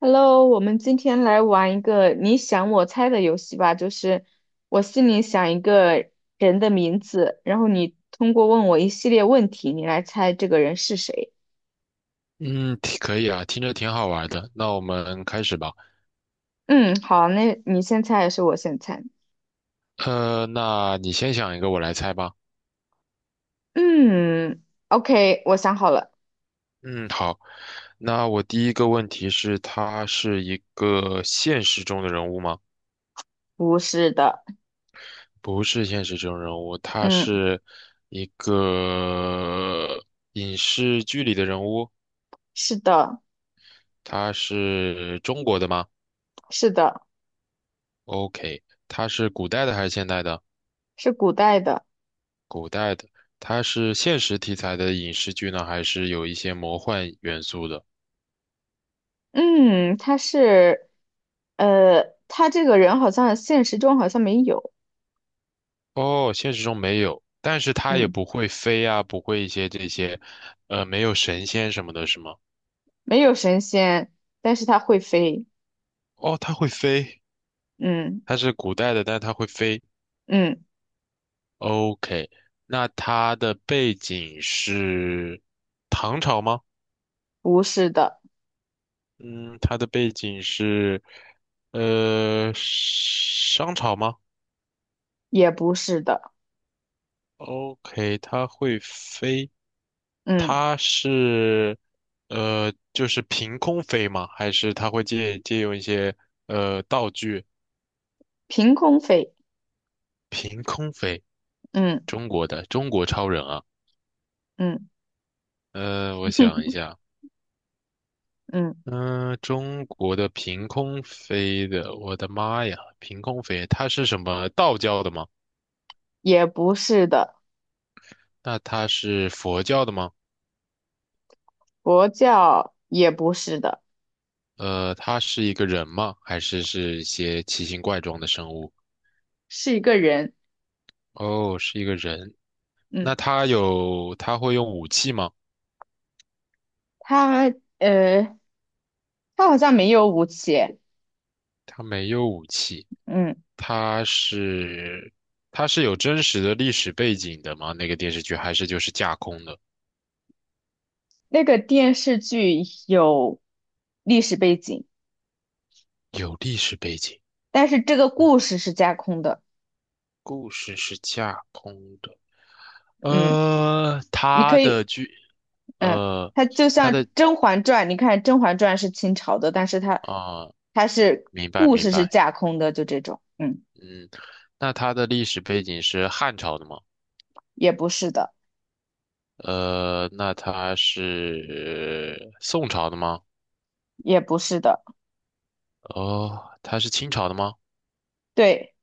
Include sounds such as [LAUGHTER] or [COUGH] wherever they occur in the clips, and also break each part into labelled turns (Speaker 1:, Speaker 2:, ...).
Speaker 1: Hello，我们今天来玩一个你想我猜的游戏吧，就是我心里想一个人的名字，然后你通过问我一系列问题，你来猜这个人是谁。
Speaker 2: 嗯，挺可以啊，听着挺好玩的。那我们开始吧。
Speaker 1: 嗯，好，那你先猜还是我先猜？
Speaker 2: 那你先想一个，我来猜吧。
Speaker 1: 嗯，OK，我想好了。
Speaker 2: 嗯，好。那我第一个问题是，他是一个现实中的人物吗？
Speaker 1: 不是的。
Speaker 2: 不是现实中人物，他
Speaker 1: 嗯，
Speaker 2: 是一个影视剧里的人物。
Speaker 1: 是的，
Speaker 2: 他是中国的吗
Speaker 1: 是的。
Speaker 2: ？OK，他是古代的还是现代的？
Speaker 1: 是古代的。
Speaker 2: 古代的。他是现实题材的影视剧呢，还是有一些魔幻元素的？
Speaker 1: 嗯，他是，他这个人好像现实中好像没有。
Speaker 2: 哦，现实中没有，但是它也
Speaker 1: 嗯，
Speaker 2: 不会飞啊，不会一些这些，没有神仙什么的，是吗？
Speaker 1: 没有神仙，但是他会飞。
Speaker 2: 哦，它会飞，
Speaker 1: 嗯
Speaker 2: 它是古代的，但是它会飞。
Speaker 1: 嗯，
Speaker 2: OK，那它的背景是唐朝吗？
Speaker 1: 不是的。
Speaker 2: 嗯，它的背景是，商朝吗
Speaker 1: 也不是的。
Speaker 2: ？OK，它会飞，
Speaker 1: 嗯，
Speaker 2: 它是。就是凭空飞吗？还是它会借用一些道具？
Speaker 1: 凭空飞。
Speaker 2: 凭空飞，
Speaker 1: 嗯
Speaker 2: 中国的中国超人啊，
Speaker 1: 嗯
Speaker 2: 我想一下，
Speaker 1: 嗯，
Speaker 2: 嗯、中国的凭空飞的，我的妈呀，凭空飞，他是什么道教的吗？
Speaker 1: 也不是的。
Speaker 2: 那他是佛教的吗？
Speaker 1: 佛教也不是的。
Speaker 2: 他是一个人吗？还是是一些奇形怪状的生物？
Speaker 1: 是一个人。
Speaker 2: 哦，是一个人。
Speaker 1: 嗯，
Speaker 2: 那他有，他会用武器吗？
Speaker 1: 他呃，他好像没有武器。
Speaker 2: 他没有武器。
Speaker 1: 嗯，
Speaker 2: 他是，他是有真实的历史背景的吗？那个电视剧还是就是架空的？
Speaker 1: 那个电视剧有历史背景，
Speaker 2: 有历史背景，
Speaker 1: 但是这个故事是架空的。
Speaker 2: 故事是架空的。
Speaker 1: 嗯，你
Speaker 2: 他
Speaker 1: 可
Speaker 2: 的
Speaker 1: 以。
Speaker 2: 剧，
Speaker 1: 嗯，
Speaker 2: 呃，
Speaker 1: 它就
Speaker 2: 他
Speaker 1: 像
Speaker 2: 的
Speaker 1: 《甄嬛传》，你看《甄嬛传》是清朝的，但是它
Speaker 2: 啊、
Speaker 1: 它是
Speaker 2: 明白
Speaker 1: 故
Speaker 2: 明
Speaker 1: 事是
Speaker 2: 白，
Speaker 1: 架空的，就这种。嗯，
Speaker 2: 嗯，那他的历史背景是汉朝的吗？
Speaker 1: 也不是的。
Speaker 2: 那他是宋朝的吗？
Speaker 1: 也不是的。
Speaker 2: 哦，他是清朝的吗？
Speaker 1: 对。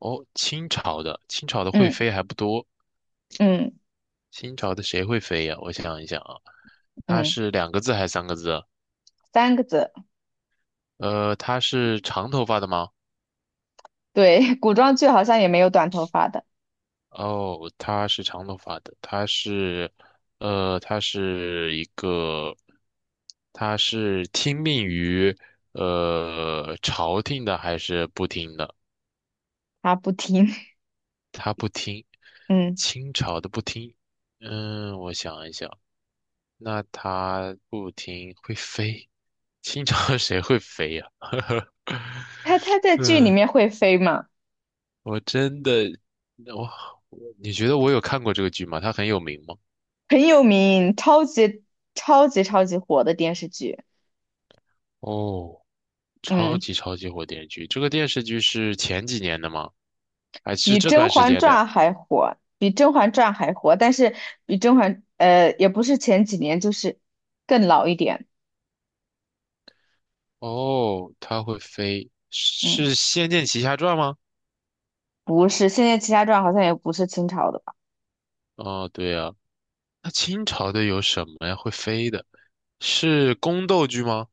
Speaker 2: 哦，清朝的，清朝的会
Speaker 1: 嗯
Speaker 2: 飞还不多。
Speaker 1: 嗯
Speaker 2: 清朝的谁会飞呀？我想一想啊，他
Speaker 1: 嗯，
Speaker 2: 是两个字还是三个字啊？
Speaker 1: 三个字。
Speaker 2: 他是长头发的吗？
Speaker 1: 对，[LAUGHS] 古装剧好像也没有短头发的。
Speaker 2: 哦，他是长头发的，他是，他是一个，他是听命于，朝廷的还是不听的？
Speaker 1: 他不听。
Speaker 2: 他不听，
Speaker 1: [LAUGHS] 嗯，
Speaker 2: 清朝的不听。嗯，我想一想，那他不听会飞，清朝 [LAUGHS] 谁会飞呀、[LAUGHS]
Speaker 1: 他在剧里
Speaker 2: 嗯，
Speaker 1: 面会飞嘛。
Speaker 2: 我真的，我我你觉得我有看过这个剧吗？它很有名吗？
Speaker 1: 很有名，超级超级超级火的电视剧。
Speaker 2: 哦。超
Speaker 1: 嗯，
Speaker 2: 级超级火电视剧，这个电视剧是前几年的吗？还是
Speaker 1: 比
Speaker 2: 这
Speaker 1: 《甄
Speaker 2: 段时
Speaker 1: 嬛
Speaker 2: 间
Speaker 1: 传》
Speaker 2: 的？
Speaker 1: 还火，比《甄嬛传》还火，但是比《甄嬛》呃也不是前几年，就是更老一点。
Speaker 2: 哦，它会飞，
Speaker 1: 嗯，
Speaker 2: 是《仙剑奇侠传》吗？
Speaker 1: 不是，现在《齐家传》好像也不是清朝的吧。
Speaker 2: 哦，对啊，那清朝的有什么呀？会飞的，是宫斗剧吗？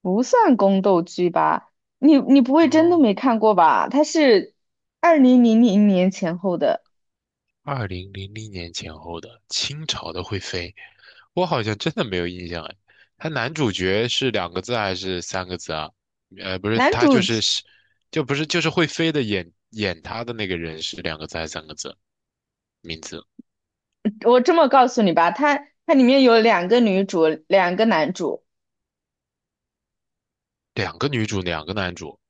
Speaker 1: 不算宫斗剧吧？你不会真的
Speaker 2: 哦，
Speaker 1: 没看过吧？它是2000年前后的。
Speaker 2: 2000年前后的清朝的会飞，我好像真的没有印象哎。他男主角是两个字还是三个字啊？不是，
Speaker 1: 男
Speaker 2: 他
Speaker 1: 主。
Speaker 2: 就是是，就不是就是会飞的演他的那个人是两个字还是三个字？名字，
Speaker 1: 我这么告诉你吧，它里面有两个女主，两个男主，
Speaker 2: 两个女主，两个男主，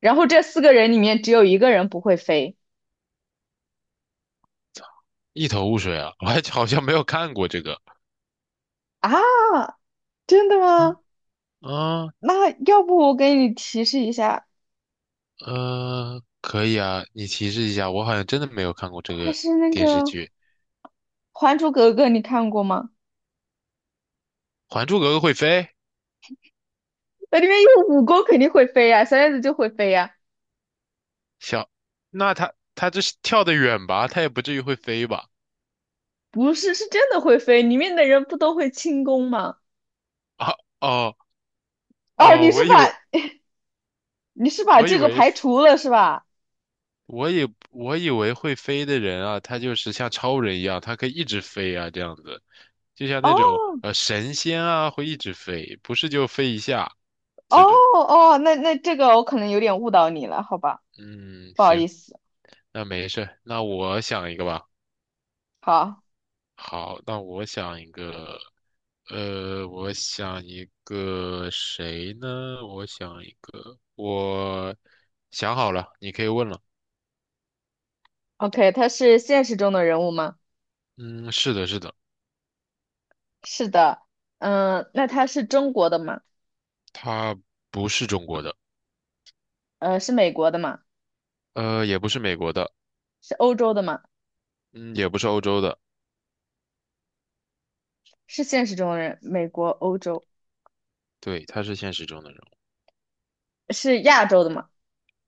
Speaker 1: 然后这四个人里面只有一个人不会飞
Speaker 2: 一头雾水啊！[LAUGHS] 我还好像没有看过这个
Speaker 1: 啊？真的吗？
Speaker 2: 啊啊
Speaker 1: 那要不我给你提示一下，
Speaker 2: 可以啊，你提示一下，我好像真的没有看过这
Speaker 1: 他
Speaker 2: 个
Speaker 1: 是那
Speaker 2: 电视
Speaker 1: 个
Speaker 2: 剧。
Speaker 1: 《还珠格格》，你看过吗？
Speaker 2: 《还珠格格》会飞，
Speaker 1: 那里面有武功，肯定会飞呀、小燕子就会飞呀。
Speaker 2: 小，那他这是跳得远吧？他也不至于会飞吧？
Speaker 1: 不是，是真的会飞，里面的人不都会轻功吗？
Speaker 2: 啊哦
Speaker 1: 哦，
Speaker 2: 哦，
Speaker 1: 你是
Speaker 2: 我以
Speaker 1: 把
Speaker 2: 为
Speaker 1: 你是把
Speaker 2: 我以
Speaker 1: 这个
Speaker 2: 为
Speaker 1: 排除了是吧？
Speaker 2: 我以为会飞的人啊，他就是像超人一样，他可以一直飞啊，这样子，就像那种
Speaker 1: 哦
Speaker 2: 神仙啊，会一直飞，不是就飞一下
Speaker 1: 哦
Speaker 2: 这种。
Speaker 1: 哦，那这个我可能有点误导你了，好吧。
Speaker 2: 嗯，
Speaker 1: 不好意
Speaker 2: 行，
Speaker 1: 思。
Speaker 2: 那没事儿那我想一个吧。
Speaker 1: 好
Speaker 2: 好，那我想一个，我想一个谁呢？我想一个，我想好了，你可以问了。
Speaker 1: ，OK，他是现实中的人物吗？
Speaker 2: 嗯，是的，是的，
Speaker 1: 是的。那他是中国的吗？
Speaker 2: 他不是中国的，
Speaker 1: 是美国的吗？
Speaker 2: 也不是美国的，
Speaker 1: 是欧洲的吗？
Speaker 2: 嗯，也不是欧洲的。
Speaker 1: 是现实中的人，美国、欧洲。
Speaker 2: 对，他是现实中的人物，
Speaker 1: 是亚洲的吗？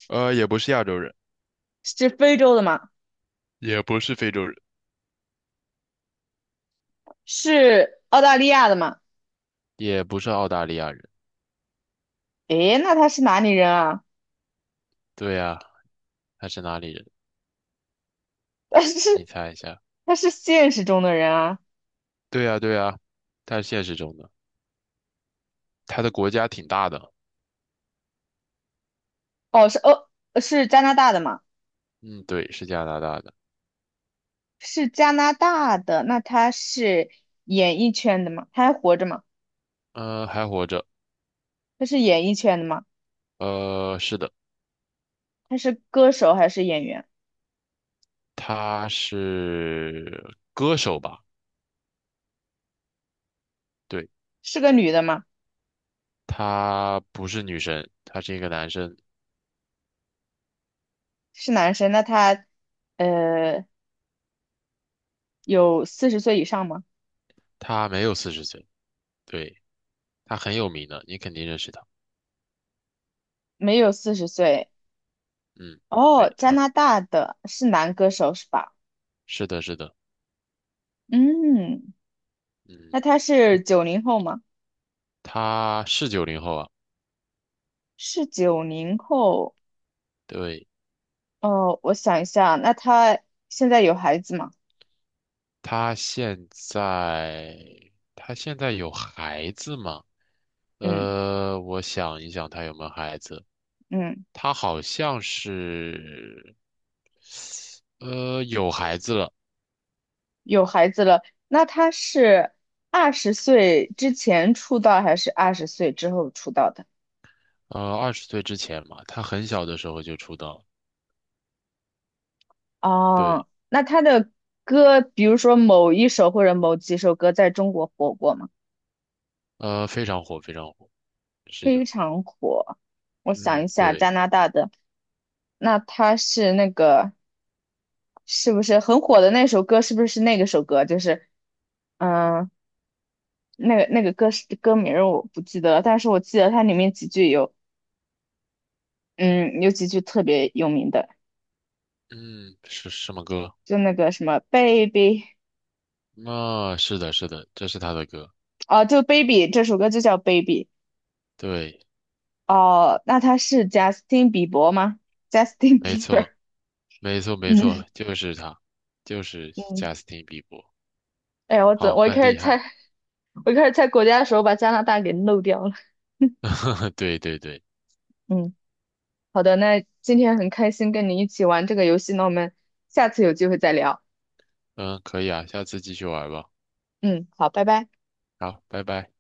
Speaker 2: 也不是亚洲人，
Speaker 1: 是非洲的吗？
Speaker 2: 也不是非洲人，
Speaker 1: 是澳大利亚的吗？
Speaker 2: 也不是澳大利亚人。
Speaker 1: 诶，那他是哪里人啊？
Speaker 2: 对呀，他是哪里人？
Speaker 1: 但
Speaker 2: 你
Speaker 1: 是
Speaker 2: 猜一下。
Speaker 1: 他是现实中的人啊？
Speaker 2: 对呀，对呀，他是现实中的，他的国家挺大的。
Speaker 1: 哦，是哦。是加拿大的吗？
Speaker 2: 嗯，对，是加拿大的。
Speaker 1: 是加拿大的，那他是演艺圈的吗？他还活着吗？
Speaker 2: 嗯，还活着。
Speaker 1: 他是演艺圈的吗？
Speaker 2: 是的，
Speaker 1: 他是歌手还是演员？
Speaker 2: 他是歌手吧？对，
Speaker 1: 是个女的吗？
Speaker 2: 他不是女生，他是一个男生，
Speaker 1: 是男生？那他呃有四十岁以上吗？
Speaker 2: 他没有40岁。对，他很有名的，你肯定认识他。
Speaker 1: 没有四十岁。
Speaker 2: 嗯，
Speaker 1: 哦，
Speaker 2: 对，
Speaker 1: 加
Speaker 2: 他
Speaker 1: 拿大的是男歌手是吧？
Speaker 2: 是的，是的。
Speaker 1: 嗯，那
Speaker 2: 嗯。
Speaker 1: 他是九零后吗？
Speaker 2: 他是90后啊，
Speaker 1: 是九零后。
Speaker 2: 对，
Speaker 1: 哦，我想一下，那他现在有孩子吗？
Speaker 2: 他现在他现在有孩子吗？
Speaker 1: 嗯
Speaker 2: 我想一想，他有没有孩子？
Speaker 1: 嗯，
Speaker 2: 他好像是，有孩子了，
Speaker 1: 有孩子了。那他是二十岁之前出道还是二十岁之后出道的？
Speaker 2: 20岁之前嘛，他很小的时候就出道了，
Speaker 1: 哦，
Speaker 2: 对，
Speaker 1: 那他的歌，比如说某一首或者某几首歌，在中国火过吗？
Speaker 2: 非常火，非常火，是
Speaker 1: 非
Speaker 2: 的，
Speaker 1: 常火。我想一
Speaker 2: 嗯，
Speaker 1: 下，
Speaker 2: 对，
Speaker 1: 加拿大的，那他是那个。是不是很火的那首歌？是不是那个首歌？就是嗯、呃那个歌是歌名儿我不记得了，但是我记得它里面几句有嗯有几句特别有名的。
Speaker 2: 嗯，是什么歌？
Speaker 1: 就那个什么 Baby。
Speaker 2: 啊，是的，是的，这是他的歌，
Speaker 1: 哦，就 Baby 这首歌就叫 Baby。
Speaker 2: 对。
Speaker 1: 哦，那他是 Justin 比伯吗？Justin [LAUGHS]
Speaker 2: 没错，
Speaker 1: Bieber。
Speaker 2: 没错，没
Speaker 1: 嗯
Speaker 2: 错，就是他，就是
Speaker 1: 嗯，
Speaker 2: 贾斯汀比伯，
Speaker 1: 哎呀，我怎
Speaker 2: 好，
Speaker 1: 我一
Speaker 2: 很
Speaker 1: 开始
Speaker 2: 厉
Speaker 1: 猜
Speaker 2: 害，
Speaker 1: 我一开始猜国家的时候把加拿大给漏掉了。
Speaker 2: [LAUGHS] 对对对，
Speaker 1: [LAUGHS] 嗯，好的，那今天很开心跟你一起玩这个游戏，那我们下次有机会再聊。
Speaker 2: 嗯，可以啊，下次继续玩吧，
Speaker 1: 嗯，好，拜拜。
Speaker 2: 好，拜拜。